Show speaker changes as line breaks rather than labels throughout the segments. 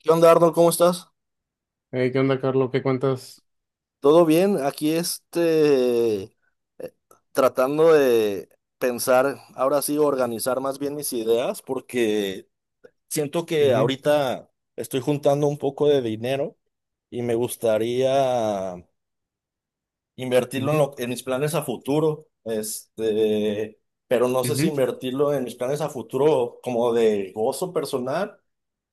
¿Qué onda, Arnold? ¿Cómo estás?
Hey, ¿qué onda, Carlos? ¿Qué cuentas?
¿Todo bien? Aquí eh, tratando de pensar, ahora sí, organizar más bien mis ideas, porque siento que
Ujú,
ahorita estoy juntando un poco de dinero y me gustaría invertirlo en,
ujú,
en mis planes a futuro, pero no sé si
ujú,
invertirlo en mis planes a futuro como de gozo personal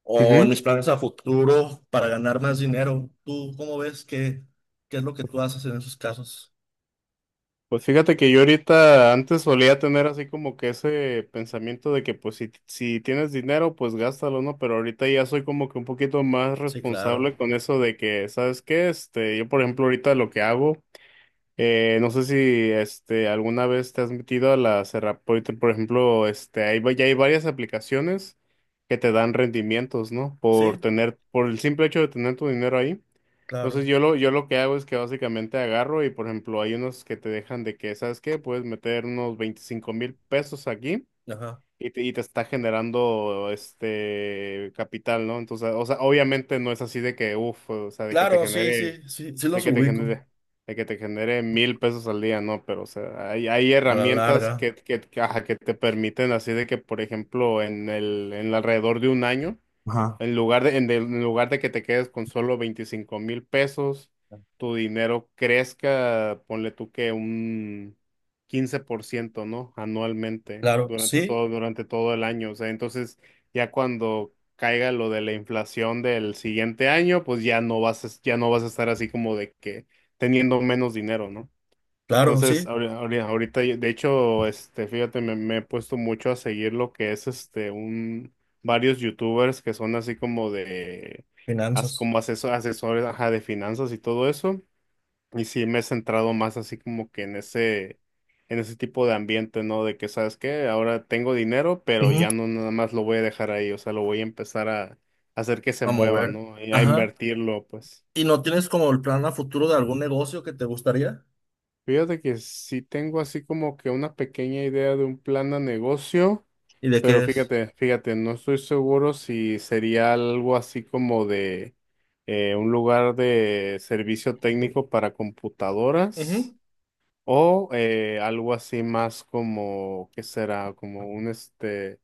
o en
ujú.
mis planes a futuro para ganar más dinero. ¿Tú cómo ves qué es lo que tú haces en esos casos?
Pues fíjate que yo ahorita antes solía tener así como que ese pensamiento de que pues si tienes dinero, pues gástalo, ¿no? Pero ahorita ya soy como que un poquito más
Sí, claro.
responsable con eso de que, ¿sabes qué? Este, yo por ejemplo ahorita lo que hago, no sé si este alguna vez te has metido a la Serra, por ejemplo, este, ya hay varias aplicaciones que te dan rendimientos, ¿no? Por
Sí,
tener, por el simple hecho de tener tu dinero ahí.
claro.
Entonces yo lo que hago es que básicamente agarro, y por ejemplo hay unos que te dejan de que, ¿sabes qué? Puedes meter unos 25,000 pesos aquí,
Ajá.
y te está generando este capital, ¿no? Entonces, o sea, obviamente no es así de que, uff, o sea, de que te
Claro, sí,
genere,
sí, sí, sí
de
los
que te
ubico
genere, de que te genere 1,000 pesos al día, ¿no? Pero, o sea, hay
a la
herramientas
larga.
ajá, que te permiten así de que, por ejemplo, en alrededor de un año,
Ajá.
en lugar de que te quedes con solo 25,000 pesos, tu dinero crezca, ponle tú que un 15%, ¿no? Anualmente,
Claro,
durante
sí,
todo, durante todo el año. O sea, entonces ya cuando caiga lo de la inflación del siguiente año, pues ya no vas a estar así como de que teniendo menos dinero, ¿no?
claro,
Entonces,
sí.
ahorita, de hecho, este, fíjate, me he puesto mucho a seguir lo que es este un varios youtubers que son así como de
Finanzas.
asesores, ajá, de finanzas y todo eso. Y sí me he centrado más así como que en ese tipo de ambiente, ¿no? De que, ¿sabes qué? Ahora tengo dinero, pero
Ujú.
ya no nada más lo voy a dejar ahí. O sea, lo voy a empezar a hacer que se
A
mueva,
mover.
¿no? Y a
Ajá.
invertirlo, pues.
¿Y no tienes como el plan a futuro de algún negocio que te gustaría?
Fíjate que sí tengo así como que una pequeña idea de un plan de negocio,
¿Y de
pero
qué es?
fíjate, fíjate, no estoy seguro si sería algo así como de un lugar de servicio técnico para
Ujú.
computadoras, o algo así más como, ¿qué será? Como un este...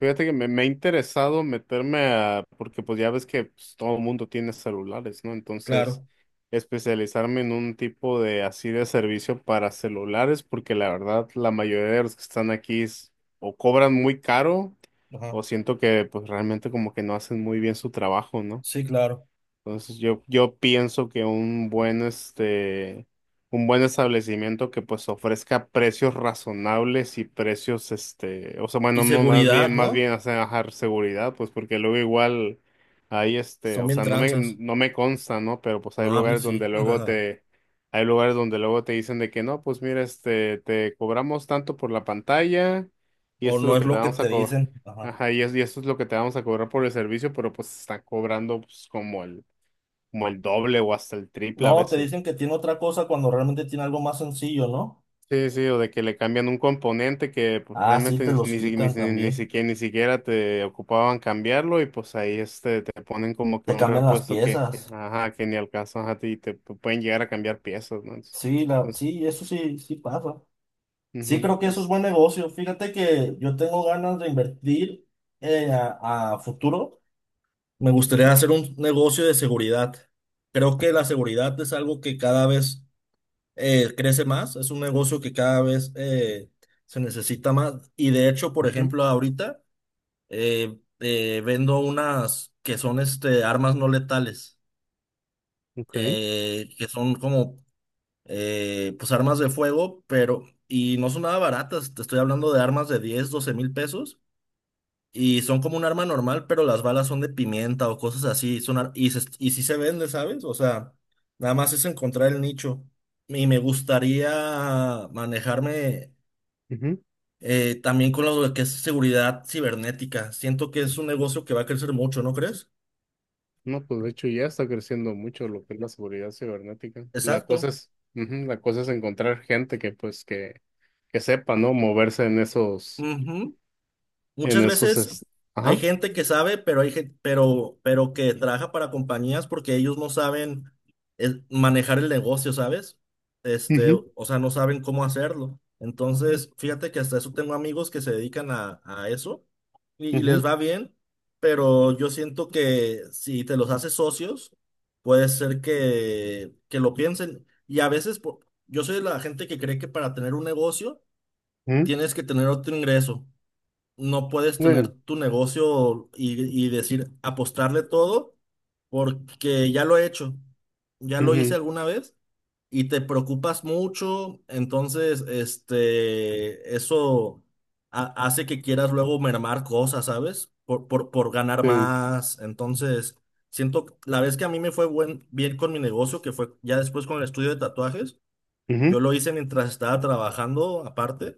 Fíjate que me ha interesado meterme a, porque pues ya ves que pues todo el mundo tiene celulares, ¿no? Entonces,
Claro.
especializarme en un tipo de así de servicio para celulares, porque la verdad la mayoría de los que están aquí o cobran muy caro,
Ajá.
o siento que pues realmente como que no hacen muy bien su trabajo, ¿no?
Sí, claro.
Entonces, yo pienso que este, un buen establecimiento que pues ofrezca precios razonables y precios, este, o sea,
Y
bueno, no, más
seguridad,
bien, más
¿no?
bien hacer bajar seguridad, pues porque luego igual hay este,
Son
o
bien
sea, no me,
tranzas.
no me consta, ¿no? Pero pues hay
No, a mí
lugares
sí.
donde luego te, hay lugares donde luego te dicen de que no, pues mira, este, te cobramos tanto por la pantalla y
O
esto es
no
lo
es
que te
lo que
vamos a
te
cobrar.
dicen. Ajá.
Ajá, y esto es lo que te vamos a cobrar por el servicio, pero pues está cobrando, pues, como el, como el doble o hasta el triple a
No, te
veces.
dicen que tiene otra cosa cuando realmente tiene algo más sencillo, ¿no?
Sí, sí, o de que le cambian un componente que pues
Ah, sí,
realmente
te los quitan también.
ni siquiera te ocupaban cambiarlo, y pues ahí este te ponen como que
Te
un
cambian las
repuesto que, que,
piezas.
ajá, que ni alcanzan, a ti y te pueden llegar a cambiar piezas, ¿no?
Sí,
Entonces,
sí, eso sí, sí pasa.
ujú.
Sí, creo que eso es
Entonces,
buen negocio. Fíjate que yo tengo ganas de invertir a futuro. Me gustaría
ujú,
hacer un negocio de seguridad. Creo que la seguridad es algo que cada vez crece más. Es un negocio que cada vez se necesita más. Y de hecho, por ejemplo, ahorita, vendo unas que son armas no letales,
ujú, ok,
que son como pues armas de fuego, pero y no son nada baratas, te estoy hablando de armas de 10 12,000 pesos y son como un arma normal, pero las balas son de pimienta o cosas así, son ar- y, se- y sí se vende, ¿sabes? O sea, nada más es encontrar el nicho y me gustaría manejarme
ujú.
también con lo que es seguridad cibernética. Siento que es un negocio que va a crecer mucho, ¿no crees?
No, pues de hecho ya está creciendo mucho lo que es la seguridad cibernética. La cosa
Exacto.
es, ujú, la cosa es encontrar gente que pues que sepa, ¿no? Moverse en esos,
Ujú.
en
Muchas
esos,
veces
es-
hay
ajá,
gente que sabe, pero hay pero que trabaja para compañías porque ellos no saben manejar el negocio, ¿sabes?
ujú,
O sea, no saben cómo hacerlo. Entonces, fíjate que hasta eso tengo amigos que se dedican a eso y les
ujú,
va bien, pero yo siento que si te los haces socios, puede ser que lo piensen. Y a veces, yo soy de la gente que cree que para tener un negocio
ujú,
tienes que tener otro ingreso. No puedes tener
ven,
tu negocio y decir apostarle todo porque ya lo he hecho, ya lo hice
ujú,
alguna vez y te preocupas mucho, entonces eso hace que quieras luego mermar cosas, ¿sabes? Por ganar
ven,
más. Entonces, siento, la vez que a mí me fue bien con mi negocio, que fue ya después con el estudio de tatuajes, yo
ujú,
lo hice mientras estaba trabajando aparte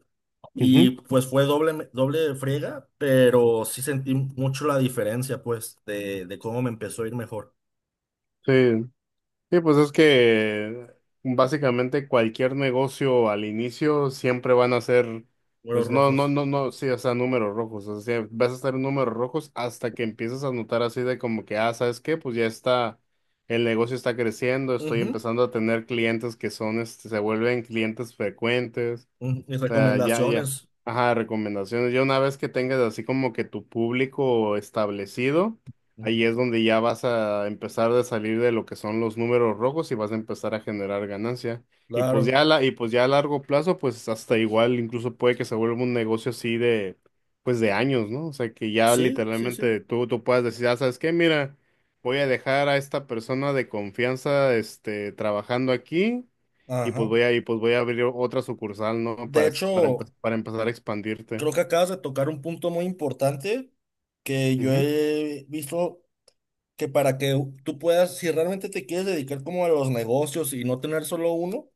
y
ujú,
pues fue doble, doble friega, pero sí sentí mucho la diferencia pues de cómo me empezó a ir mejor.
sí. Sí, pues es que básicamente cualquier negocio al inicio siempre van a ser,
Números
pues, no, no,
rojos.
no, no, sí, o sea, números rojos. O sea, vas a estar en números rojos hasta que empiezas a notar así de como que, ah, ¿sabes qué? Pues ya está, el negocio está creciendo, estoy
Ujú,
empezando a tener clientes que son, este, se vuelven clientes frecuentes.
ujú. Mis
O sea, ya, ya.
recomendaciones.
Ajá, recomendaciones. Ya una vez que tengas así como que tu público establecido,
Ujú.
ahí es donde ya vas a empezar a salir de lo que son los números rojos y vas a empezar a generar ganancia. Y pues
Claro.
ya a la, y pues ya a largo plazo, pues hasta igual, incluso puede que se vuelva un negocio así de, pues, de años, ¿no? O sea, que ya
Sí, sí, sí.
literalmente tú, tú puedas decir, ah, ¿sabes qué? Mira, voy a dejar a esta persona de confianza, este, trabajando aquí, y pues
Ajá.
voy a, abrir otra sucursal, ¿no?
De
Para, para,
hecho,
para empezar a expandirte.
creo que acabas de tocar un punto muy importante que yo
Ujú,
he visto que para que tú puedas, si realmente te quieres dedicar como a los negocios y no tener solo uno,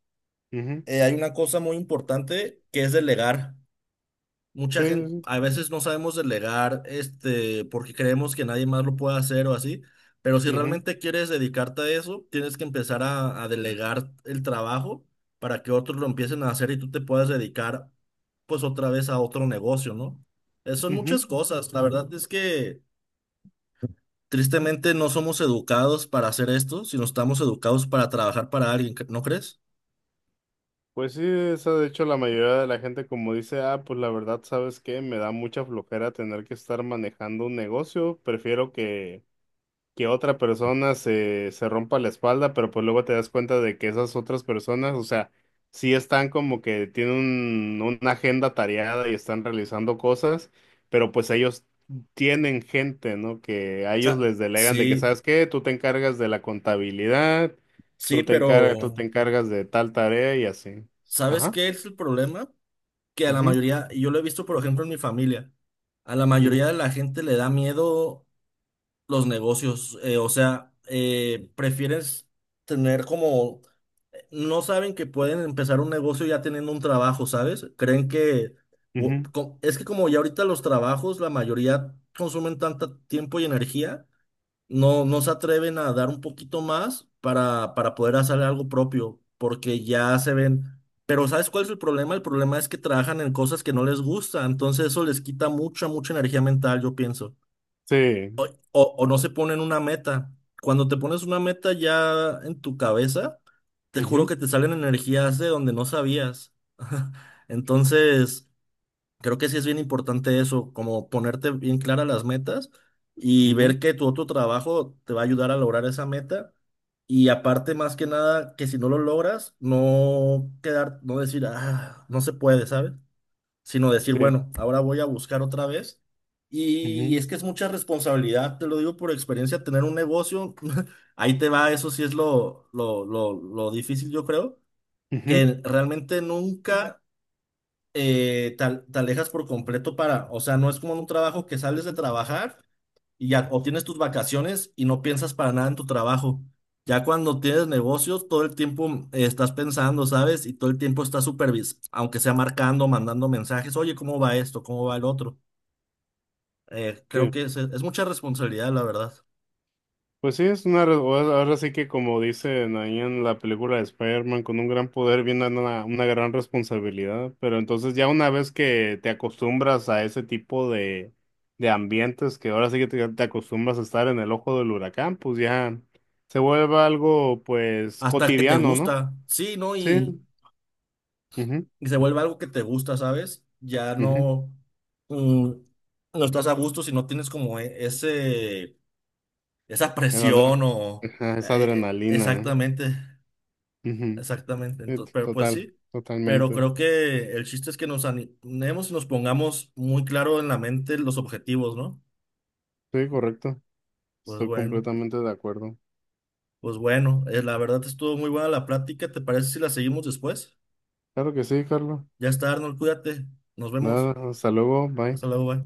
ujú.
hay una cosa muy importante que es delegar.
Sí,
Mucha gente,
sí,
a veces no sabemos delegar, porque creemos que nadie más lo puede hacer o así, pero si
sí.
realmente quieres dedicarte a eso, tienes que empezar a delegar el trabajo para que otros lo empiecen a hacer y tú te puedas dedicar, pues otra vez a otro negocio, ¿no? Son
Ujú,
muchas
ujú.
cosas. La verdad es que tristemente no somos educados para hacer esto, sino estamos educados para trabajar para alguien, ¿no crees?
Pues sí, esa de hecho la mayoría de la gente, como dice, ah, pues la verdad, ¿sabes qué? Me da mucha flojera tener que estar manejando un negocio, prefiero que otra persona se rompa la espalda. Pero pues luego te das cuenta de que esas otras personas, o sea, sí están como que tienen una agenda tareada y están realizando cosas, pero pues ellos tienen gente, ¿no? Que a ellos
Sea,
les delegan de que,
sí,
¿sabes qué? Tú te encargas de la contabilidad,
sí,
tú te
pero
encargas de tal tarea y así.
¿sabes
Ajá.
qué es el problema? Que a la
Ujú,
mayoría, y yo lo he visto por ejemplo en mi familia, a la mayoría
ujú,
de la gente le da miedo los negocios, o sea, prefieres tener como, no saben que pueden empezar un negocio ya teniendo un trabajo, ¿sabes? Creen que,
ujú.
es que como ya ahorita los trabajos, la mayoría consumen tanto tiempo y energía no, no se atreven a dar un poquito más para poder hacer algo propio, porque ya se ven. Pero ¿sabes cuál es el problema? El problema es que trabajan en cosas que no les gusta, entonces eso les quita mucha, mucha energía mental, yo pienso.
Sí.
O no se ponen una meta. Cuando te pones una meta ya en tu cabeza, te juro
Ujú,
que te salen energías de donde no sabías. Entonces. Creo que sí es bien importante eso, como ponerte bien claras las metas y
ujú.
ver que tu otro trabajo te va a ayudar a lograr esa meta. Y aparte, más que nada, que si no lo logras, no quedar, no decir, ah, no se puede, ¿sabes? Sino decir,
Sí.
bueno, ahora voy a buscar otra vez. Y,
Ujú,
es que es mucha responsabilidad, te lo digo por experiencia, tener un negocio, ahí te va, eso sí es lo difícil, yo creo,
ujú.
que realmente nunca te alejas por completo para, o sea, no es como en un trabajo que sales de trabajar y ya obtienes tus vacaciones y no piensas para nada en tu trabajo. Ya cuando tienes negocios, todo el tiempo estás pensando, ¿sabes? Y todo el tiempo estás aunque sea marcando, mandando mensajes, oye, ¿cómo va esto? ¿Cómo va el otro? Creo
Sí.
que es mucha responsabilidad, la verdad.
Pues sí, es ahora sí que, como dicen ahí en la película de Spider-Man, con un gran poder viene una gran responsabilidad, pero entonces ya una vez que te acostumbras a ese tipo de ambientes, que ahora sí que te acostumbras a estar en el ojo del huracán, pues ya se vuelve algo, pues,
Hasta que te
cotidiano, ¿no?
gusta, sí, ¿no?
Sí.
Y,
Ujú,
y se vuelve algo que te gusta, ¿sabes? Ya
ujú.
no, mm, no estás a gusto si no tienes como ese esa
Es adre-
presión o
ajá, es
eh,
adrenalina, ¿no?
exactamente,
Ujú.
exactamente.
Sí,
Entonces, pero pues
total,
sí, pero
totalmente.
creo que el chiste es que nos animemos y nos pongamos muy claro en la mente los objetivos, ¿no?
Sí, correcto.
Pues
Estoy
bueno,
completamente de acuerdo.
pues bueno, la verdad estuvo muy buena la plática. ¿Te parece si la seguimos después?
Claro que sí, Carlos.
Ya está, Arnold, cuídate. Nos vemos.
Nada, hasta luego, bye.
Hasta luego, bye.